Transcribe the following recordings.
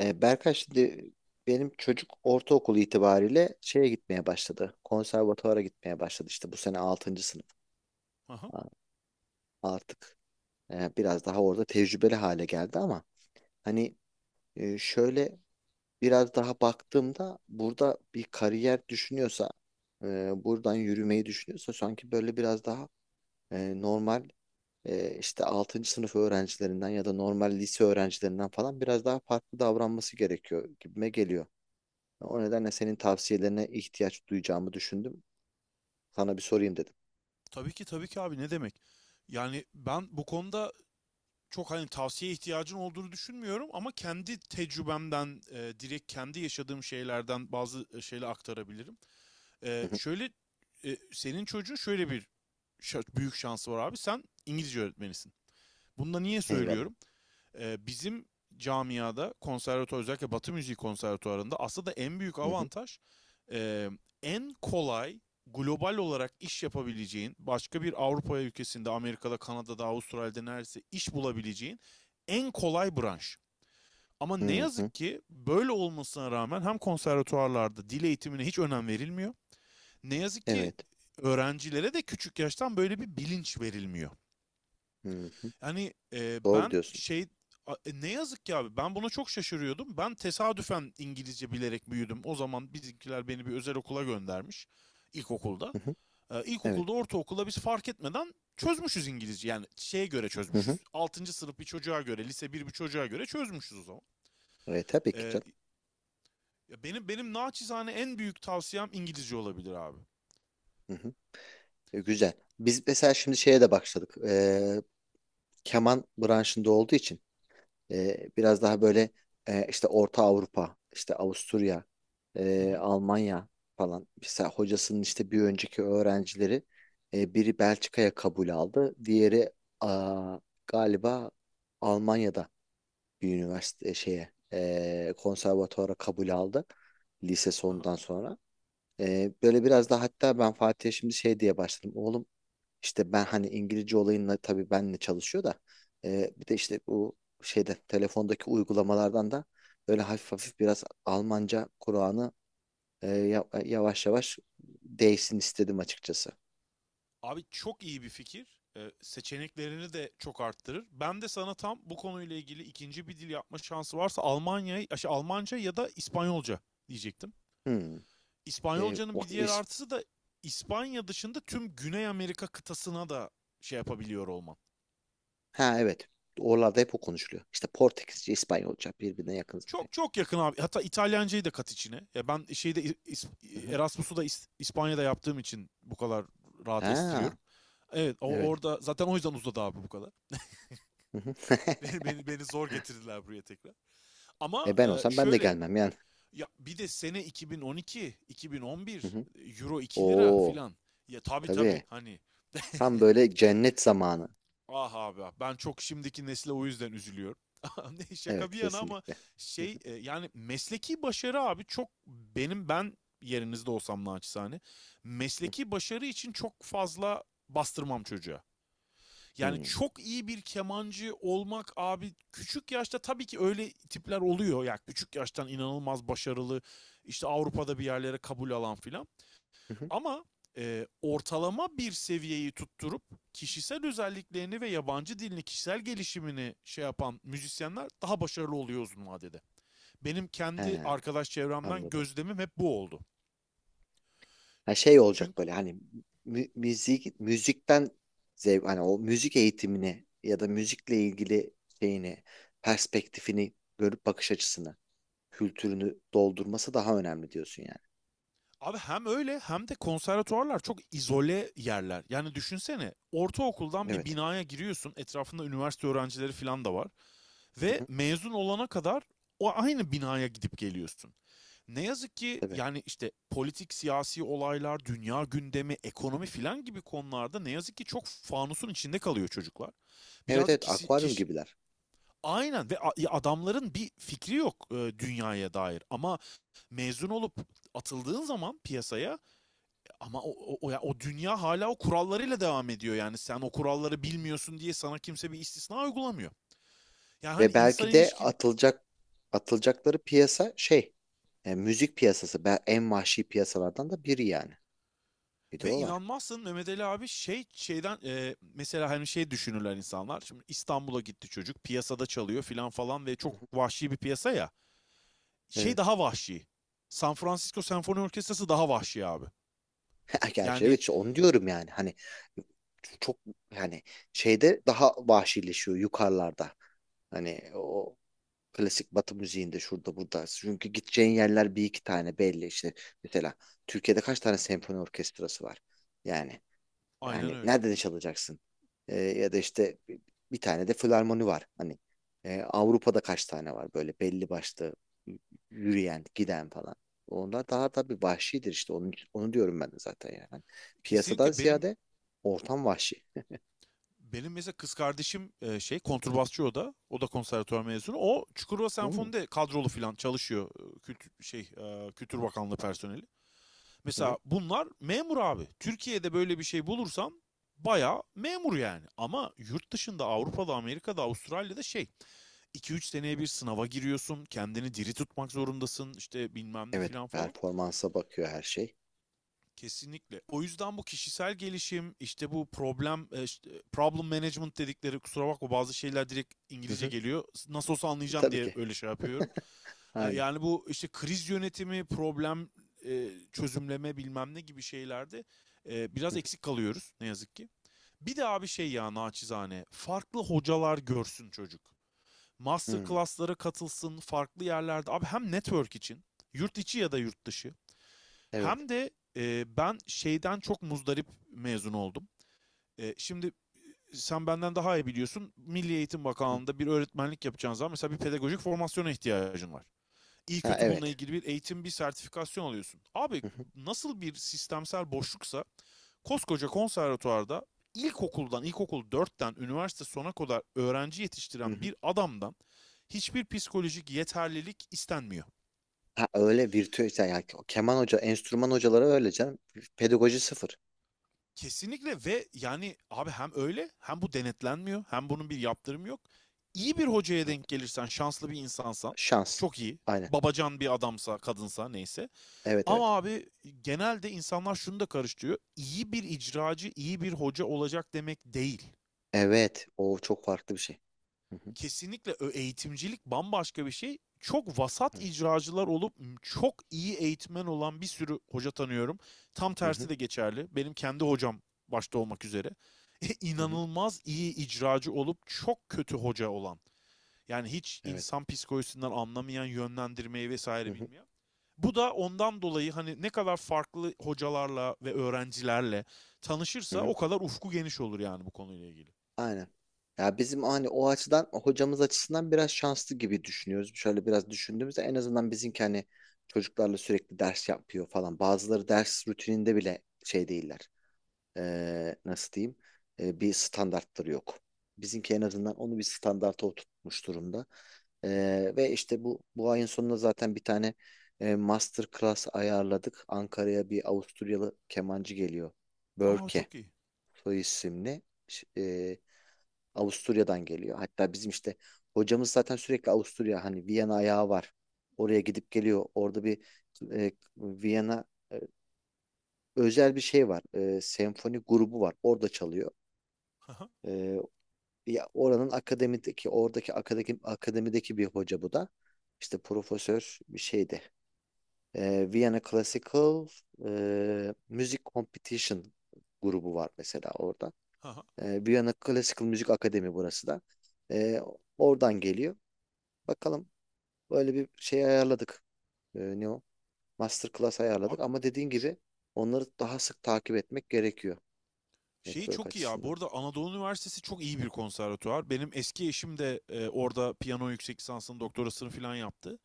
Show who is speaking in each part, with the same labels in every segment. Speaker 1: Berkay şimdi benim çocuk ortaokul itibariyle şeye gitmeye başladı. Konservatuvara gitmeye başladı işte bu sene altıncı sınıf.
Speaker 2: Aha.
Speaker 1: A- Artık biraz daha orada tecrübeli hale geldi ama hani şöyle biraz daha baktığımda burada bir kariyer düşünüyorsa buradan yürümeyi düşünüyorsa sanki böyle biraz daha normal işte altıncı sınıf öğrencilerinden ya da normal lise öğrencilerinden falan biraz daha farklı davranması gerekiyor gibime geliyor. O nedenle senin tavsiyelerine ihtiyaç duyacağımı düşündüm. Sana bir sorayım dedim.
Speaker 2: Tabii ki tabii ki abi ne demek? Yani ben bu konuda çok hani tavsiye ihtiyacın olduğunu düşünmüyorum ama kendi tecrübemden direkt kendi yaşadığım şeylerden bazı şeyler aktarabilirim.
Speaker 1: Hı
Speaker 2: E,
Speaker 1: hı.
Speaker 2: şöyle senin çocuğun şöyle bir büyük şansı var abi. Sen İngilizce öğretmenisin. Bunu da niye
Speaker 1: Eyvallah.
Speaker 2: söylüyorum? Bizim camiada konservatuar özellikle Batı müziği konservatuarında aslında en büyük
Speaker 1: Hı hı.
Speaker 2: avantaj, e, en kolay global olarak iş yapabileceğin, başka bir Avrupa ülkesinde, Amerika'da, Kanada'da, Avustralya'da neredeyse iş bulabileceğin en kolay branş. Ama ne
Speaker 1: Hı hı.
Speaker 2: yazık ki böyle olmasına rağmen hem konservatuarlarda dil eğitimine hiç önem verilmiyor. Ne yazık ki
Speaker 1: Evet.
Speaker 2: öğrencilere de küçük yaştan böyle bir bilinç verilmiyor.
Speaker 1: Hı hı.
Speaker 2: Hani
Speaker 1: Doğru
Speaker 2: ben
Speaker 1: diyorsun.
Speaker 2: şey ne yazık ki abi ben buna çok şaşırıyordum. Ben tesadüfen İngilizce bilerek büyüdüm. O zaman bizimkiler beni bir özel okula göndermiş ilkokulda.
Speaker 1: Hı hı.
Speaker 2: E,
Speaker 1: Evet.
Speaker 2: ilkokulda ortaokulda biz fark etmeden çözmüşüz İngilizce. Yani şeye göre
Speaker 1: Hı hı.
Speaker 2: çözmüşüz. Altıncı sınıf bir çocuğa göre, lise 1 bir çocuğa göre çözmüşüz o zaman.
Speaker 1: Tabii ki
Speaker 2: E,
Speaker 1: canım.
Speaker 2: ya benim naçizane en büyük tavsiyem İngilizce olabilir abi.
Speaker 1: Hı hı. Güzel. Biz mesela şimdi şeye de başladık. Keman branşında olduğu için biraz daha böyle işte Orta Avrupa, işte Avusturya,
Speaker 2: Hı hı.
Speaker 1: Almanya falan. Mesela hocasının işte bir önceki öğrencileri biri Belçika'ya kabul aldı. Diğeri aa, galiba Almanya'da bir üniversite şeye konservatuara kabul aldı lise
Speaker 2: Aha.
Speaker 1: sonundan sonra. Böyle biraz da hatta ben Fatih'e şimdi şey diye başladım. Oğlum işte ben hani İngilizce olayınla tabii benle çalışıyor da bir de işte bu şeyde telefondaki uygulamalardan da böyle hafif hafif biraz Almanca Kur'an'ı yavaş yavaş değişsin istedim açıkçası.
Speaker 2: Abi çok iyi bir fikir. Seçeneklerini de çok arttırır. Ben de sana tam bu konuyla ilgili ikinci bir dil yapma şansı varsa Almanya'yı, şey, Almanca ya da İspanyolca diyecektim.
Speaker 1: Hmm.
Speaker 2: İspanyolcanın bir
Speaker 1: Bak,
Speaker 2: diğer artısı da İspanya dışında tüm Güney Amerika kıtasına da şey yapabiliyor olman.
Speaker 1: ha evet. Oralarda hep o konuşuluyor. İşte Portekizce, İspanyolca birbirine yakın zaten.
Speaker 2: Çok çok yakın abi. Hatta İtalyancayı da kat içine. Ya ben şeyde
Speaker 1: Hı hı.
Speaker 2: Erasmus'u da İspanya'da yaptığım için bu kadar rahat
Speaker 1: Ha
Speaker 2: estiriyorum. Evet, o
Speaker 1: evet.
Speaker 2: orada zaten o yüzden uzadı abi bu kadar.
Speaker 1: Hı hı.
Speaker 2: Beni zor getirdiler buraya tekrar.
Speaker 1: E
Speaker 2: Ama
Speaker 1: ben olsam ben de
Speaker 2: şöyle
Speaker 1: gelmem yani.
Speaker 2: ya bir de sene 2012, 2011
Speaker 1: Hı hı.
Speaker 2: euro 2 lira
Speaker 1: Oo
Speaker 2: filan. Ya tabii tabii
Speaker 1: tabii.
Speaker 2: hani
Speaker 1: Tam böyle cennet zamanı.
Speaker 2: ah abi ah, ben çok şimdiki nesle o yüzden üzülüyorum. Ne şaka
Speaker 1: Evet,
Speaker 2: bir yana ama
Speaker 1: kesinlikle. Hı
Speaker 2: şey yani mesleki başarı abi çok benim ben yerinizde olsam naçizane
Speaker 1: hı.
Speaker 2: mesleki başarı için çok fazla bastırmam çocuğa. Yani
Speaker 1: Hmm.
Speaker 2: çok iyi bir kemancı olmak abi küçük yaşta tabii ki öyle tipler oluyor. Yani küçük yaştan inanılmaz başarılı işte Avrupa'da bir yerlere kabul alan filan.
Speaker 1: Hı hı.
Speaker 2: Ama ortalama bir seviyeyi tutturup kişisel özelliklerini ve yabancı dilini, kişisel gelişimini şey yapan müzisyenler daha başarılı oluyor uzun vadede. Benim
Speaker 1: He,
Speaker 2: kendi arkadaş çevremden
Speaker 1: anladım.
Speaker 2: gözlemim hep bu oldu.
Speaker 1: Ha, şey
Speaker 2: Çünkü
Speaker 1: olacak böyle hani müzik müzikten zevk hani o müzik eğitimini ya da müzikle ilgili şeyini perspektifini görüp bakış açısını kültürünü doldurması daha önemli diyorsun yani.
Speaker 2: Abi hem öyle hem de konservatuvarlar çok izole yerler. Yani düşünsene ortaokuldan bir
Speaker 1: Evet.
Speaker 2: binaya giriyorsun. Etrafında üniversite öğrencileri falan da var.
Speaker 1: Hı
Speaker 2: Ve
Speaker 1: hı.
Speaker 2: mezun olana kadar o aynı binaya gidip geliyorsun. Ne yazık ki
Speaker 1: Tabii.
Speaker 2: yani işte politik, siyasi olaylar, dünya gündemi, ekonomi filan gibi konularda ne yazık ki çok fanusun içinde kalıyor çocuklar.
Speaker 1: Evet,
Speaker 2: Birazcık
Speaker 1: evet,
Speaker 2: kişi,
Speaker 1: akvaryum
Speaker 2: kişi
Speaker 1: gibiler.
Speaker 2: Aynen, ve adamların bir fikri yok dünyaya dair. Ama mezun olup atıldığın zaman piyasaya, ama ya o dünya hala o kurallarıyla devam ediyor yani. Sen o kuralları
Speaker 1: Hı hı.
Speaker 2: bilmiyorsun diye sana kimse bir istisna uygulamıyor. Yani hani
Speaker 1: Ve
Speaker 2: insan
Speaker 1: belki de
Speaker 2: ilişki.
Speaker 1: atılacakları piyasa şey müzik piyasası, en vahşi piyasalardan da biri yani. Bir de
Speaker 2: Ve
Speaker 1: o var.
Speaker 2: inanmazsın Mehmet Ali abi şey şeyden mesela hani şey düşünürler insanlar. Şimdi İstanbul'a gitti çocuk, piyasada çalıyor filan falan, ve
Speaker 1: Hı
Speaker 2: çok
Speaker 1: hı.
Speaker 2: vahşi bir piyasa ya. Şey
Speaker 1: Evet.
Speaker 2: daha vahşi. San Francisco Senfoni Orkestrası daha vahşi abi.
Speaker 1: Ya gerçi evet,
Speaker 2: Yani
Speaker 1: işte onu diyorum yani hani çok yani şeyde daha vahşileşiyor yukarılarda. Hani o klasik Batı müziğinde şurada burada. Çünkü gideceğin yerler bir iki tane belli işte. Mesela Türkiye'de kaç tane senfoni orkestrası var? Yani,
Speaker 2: aynen öyle.
Speaker 1: nerede çalacaksın? Ya da işte bir tane de filarmoni var. Hani Avrupa'da kaç tane var böyle belli başlı y- yürüyen, giden falan. Onlar daha tabii vahşidir işte. Onu diyorum ben de zaten yani. Hani piyasadan
Speaker 2: Kesinlikle. benim
Speaker 1: ziyade ortam vahşi.
Speaker 2: Benim mesela kız kardeşim, şey kontrbasçı o da. O da konservatuvar mezunu. O Çukurova
Speaker 1: Hmm.
Speaker 2: Senfoni'de kadrolu falan çalışıyor. Kültür, şey Kültür Bakanlığı personeli.
Speaker 1: Hı hı.
Speaker 2: Mesela bunlar memur abi. Türkiye'de böyle bir şey bulursan bayağı memur yani. Ama yurt dışında, Avrupa'da, Amerika'da, Avustralya'da şey, 2-3 seneye bir sınava giriyorsun. Kendini diri tutmak zorundasın. İşte bilmem ne
Speaker 1: Evet,
Speaker 2: filan falan.
Speaker 1: performansa bakıyor her şey.
Speaker 2: Kesinlikle. O yüzden bu kişisel gelişim, işte bu problem, işte problem management dedikleri, kusura bakma bazı şeyler direkt
Speaker 1: Hı
Speaker 2: İngilizce
Speaker 1: hı.
Speaker 2: geliyor. Nasıl olsa anlayacağım
Speaker 1: Tabii
Speaker 2: diye
Speaker 1: ki.
Speaker 2: öyle şey yapıyorum. E,
Speaker 1: Aynen.
Speaker 2: Yani bu işte kriz yönetimi, problem çözümleme bilmem ne gibi şeylerde
Speaker 1: Hı
Speaker 2: biraz
Speaker 1: hı.
Speaker 2: eksik kalıyoruz ne yazık ki. Bir de abi şey ya naçizane, farklı hocalar görsün çocuk. Master
Speaker 1: Hmm.
Speaker 2: class'lara katılsın, farklı yerlerde. Abi hem network için, yurt içi ya da yurt dışı.
Speaker 1: Evet.
Speaker 2: Hem de ben şeyden çok muzdarip mezun oldum. Şimdi sen benden daha iyi biliyorsun. Milli Eğitim
Speaker 1: Hı.
Speaker 2: Bakanlığı'nda bir öğretmenlik yapacağın zaman mesela bir pedagojik formasyona ihtiyacın var. İyi
Speaker 1: Ha
Speaker 2: kötü bununla
Speaker 1: evet.
Speaker 2: ilgili bir eğitim, bir sertifikasyon alıyorsun. Abi
Speaker 1: Hı hı.
Speaker 2: nasıl bir sistemsel boşluksa koskoca konservatuvarda ilkokuldan, ilkokul dörtten üniversite sona kadar öğrenci
Speaker 1: Hı
Speaker 2: yetiştiren
Speaker 1: hı.
Speaker 2: bir adamdan hiçbir psikolojik yeterlilik istenmiyor.
Speaker 1: Ha, öyle virtüel işte, yani keman hoca, enstrüman hocaları öyle canım. Pedagoji sıfır.
Speaker 2: Kesinlikle, ve yani abi hem öyle hem bu denetlenmiyor hem bunun bir yaptırımı yok. İyi bir hocaya
Speaker 1: Evet.
Speaker 2: denk gelirsen, şanslı bir insansan,
Speaker 1: Şans.
Speaker 2: çok iyi.
Speaker 1: Aynen.
Speaker 2: Babacan bir adamsa, kadınsa, neyse.
Speaker 1: Evet, evet.
Speaker 2: Ama abi genelde insanlar şunu da karıştırıyor. İyi bir icracı iyi bir hoca olacak demek değil.
Speaker 1: Evet. O çok farklı bir şey. Hı hı.
Speaker 2: Kesinlikle eğitimcilik bambaşka bir şey. Çok vasat
Speaker 1: Evet.
Speaker 2: icracılar olup çok iyi eğitmen olan bir sürü hoca tanıyorum. Tam
Speaker 1: Hı
Speaker 2: tersi
Speaker 1: hı.
Speaker 2: de geçerli. Benim kendi hocam başta olmak üzere.
Speaker 1: Hı hı.
Speaker 2: inanılmaz iyi icracı olup çok kötü hoca olan. Yani hiç
Speaker 1: Evet.
Speaker 2: insan psikolojisinden anlamayan, yönlendirmeyi
Speaker 1: Hı
Speaker 2: vesaire
Speaker 1: hı.
Speaker 2: bilmeyen. Bu da ondan dolayı, hani ne kadar farklı hocalarla ve öğrencilerle
Speaker 1: Hı
Speaker 2: tanışırsa
Speaker 1: hı.
Speaker 2: o kadar ufku geniş olur yani bu konuyla ilgili.
Speaker 1: Aynen. Ya bizim hani o açıdan hocamız açısından biraz şanslı gibi düşünüyoruz. Şöyle biraz düşündüğümüzde en azından bizimki hani çocuklarla sürekli ders yapıyor falan. Bazıları ders rutininde bile şey değiller. Nasıl diyeyim, bir standartları yok. Bizimki en azından onu bir standarta oturtmuş durumda. E,
Speaker 2: Hı hı.
Speaker 1: ve işte bu ayın sonunda zaten bir tane master class ayarladık. Ankara'ya bir Avusturyalı kemancı geliyor.
Speaker 2: Aa,
Speaker 1: Börke
Speaker 2: çok iyi.
Speaker 1: soy isimli. Ş- e, Avusturya'dan geliyor. Hatta bizim işte hocamız zaten sürekli Avusturya, hani Viyana ayağı var. Oraya gidip geliyor. Orada bir Viyana e, özel bir şey var. Senfoni grubu var. Orada çalıyor.
Speaker 2: Hı hı,
Speaker 1: Ee, Ya oranın akademideki, oradaki akademideki bir hoca bu da. İşte profesör bir şeydi. Vienna Classical Music Competition grubu var mesela orada.
Speaker 2: hı hı.
Speaker 1: Vienna Classical Müzik Akademi burası da. Ee, Oradan geliyor. Bakalım, böyle bir şey ayarladık. Ne o? Masterclass ayarladık
Speaker 2: Abi
Speaker 1: ama dediğin
Speaker 2: ş-
Speaker 1: gibi onları daha sık takip etmek gerekiyor
Speaker 2: şeyi
Speaker 1: network
Speaker 2: çok iyi ya. Bu
Speaker 1: açısından.
Speaker 2: arada Anadolu Üniversitesi çok iyi bir konservatuvar. Benim eski eşim de orada piyano yüksek lisansını, doktorasını falan yaptı.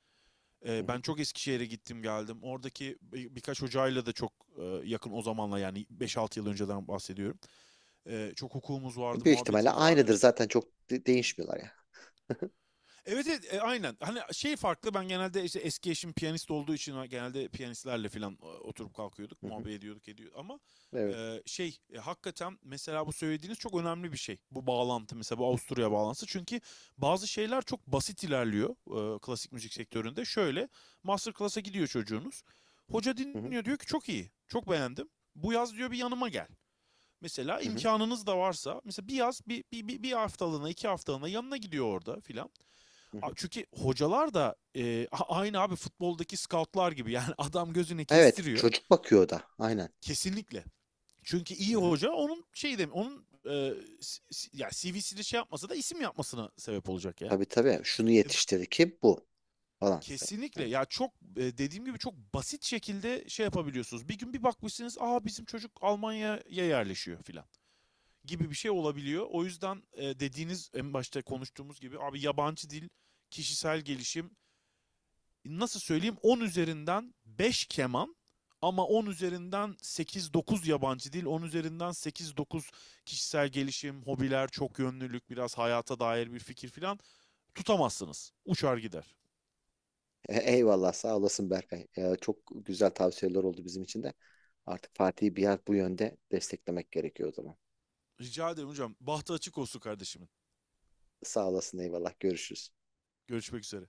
Speaker 1: Hı
Speaker 2: Eee,
Speaker 1: hı.
Speaker 2: ben çok Eskişehir'e gittim geldim. Oradaki birkaç hocayla da çok yakın o zamanla, yani 5-6 yıl önceden bahsediyorum. Çok hukukumuz vardı,
Speaker 1: Büyük ihtimalle
Speaker 2: muhabbetimiz vardı.
Speaker 1: aynıdır zaten, çok değişmiyorlar ya.
Speaker 2: Evet evet, aynen. Hani şey farklı, ben genelde işte eski eşim piyanist olduğu için genelde piyanistlerle falan oturup kalkıyorduk,
Speaker 1: Hı hı.
Speaker 2: muhabbet ediyorduk ediyor ama
Speaker 1: Evet.
Speaker 2: şey hakikaten mesela bu söylediğiniz çok önemli bir şey. Bu bağlantı, mesela bu Avusturya bağlantısı, çünkü bazı şeyler çok basit ilerliyor klasik müzik sektöründe. Şöyle, master class'a gidiyor çocuğunuz. Hoca
Speaker 1: Hı hı.
Speaker 2: dinliyor, diyor ki çok iyi, çok beğendim. Bu yaz, diyor, bir yanıma gel. Mesela
Speaker 1: Hı hı.
Speaker 2: imkanınız da varsa mesela bir yaz bir haftalığına, iki haftalığına yanına gidiyor orada filan.
Speaker 1: Hı hı.
Speaker 2: Çünkü hocalar da aynı abi futboldaki scoutlar gibi yani adam gözünü
Speaker 1: Evet,
Speaker 2: kestiriyor
Speaker 1: çocuk bakıyor o da. Aynen.
Speaker 2: kesinlikle. Çünkü iyi
Speaker 1: Hı hı.
Speaker 2: hoca onun şey dem onun e, s- s- ya CV'sini şey yapmasa da isim yapmasına sebep olacak yani.
Speaker 1: Tabii, tabii. Şunu
Speaker 2: E,
Speaker 1: yetiştirdi ki bu falan.
Speaker 2: kesinlikle
Speaker 1: Evet.
Speaker 2: ya, çok dediğim gibi çok basit şekilde şey yapabiliyorsunuz. Bir gün bir bakmışsınız, aa, bizim çocuk Almanya'ya yerleşiyor filan gibi bir şey olabiliyor. O yüzden dediğiniz, en başta konuştuğumuz gibi abi, yabancı dil, kişisel gelişim, nasıl söyleyeyim, 10 üzerinden 5 keman ama 10 üzerinden 8-9 yabancı dil, 10 üzerinden 8-9 kişisel gelişim, hobiler, çok yönlülük, biraz hayata dair bir fikir filan, tutamazsınız. Uçar gider.
Speaker 1: Eyvallah, sağ olasın Berkay. Çok güzel tavsiyeler oldu bizim için de. Artık Fatih'i biraz bu yönde desteklemek gerekiyor o zaman.
Speaker 2: Rica ederim hocam. Bahtı açık olsun kardeşimin.
Speaker 1: Sağ olasın, eyvallah. Görüşürüz.
Speaker 2: Görüşmek üzere.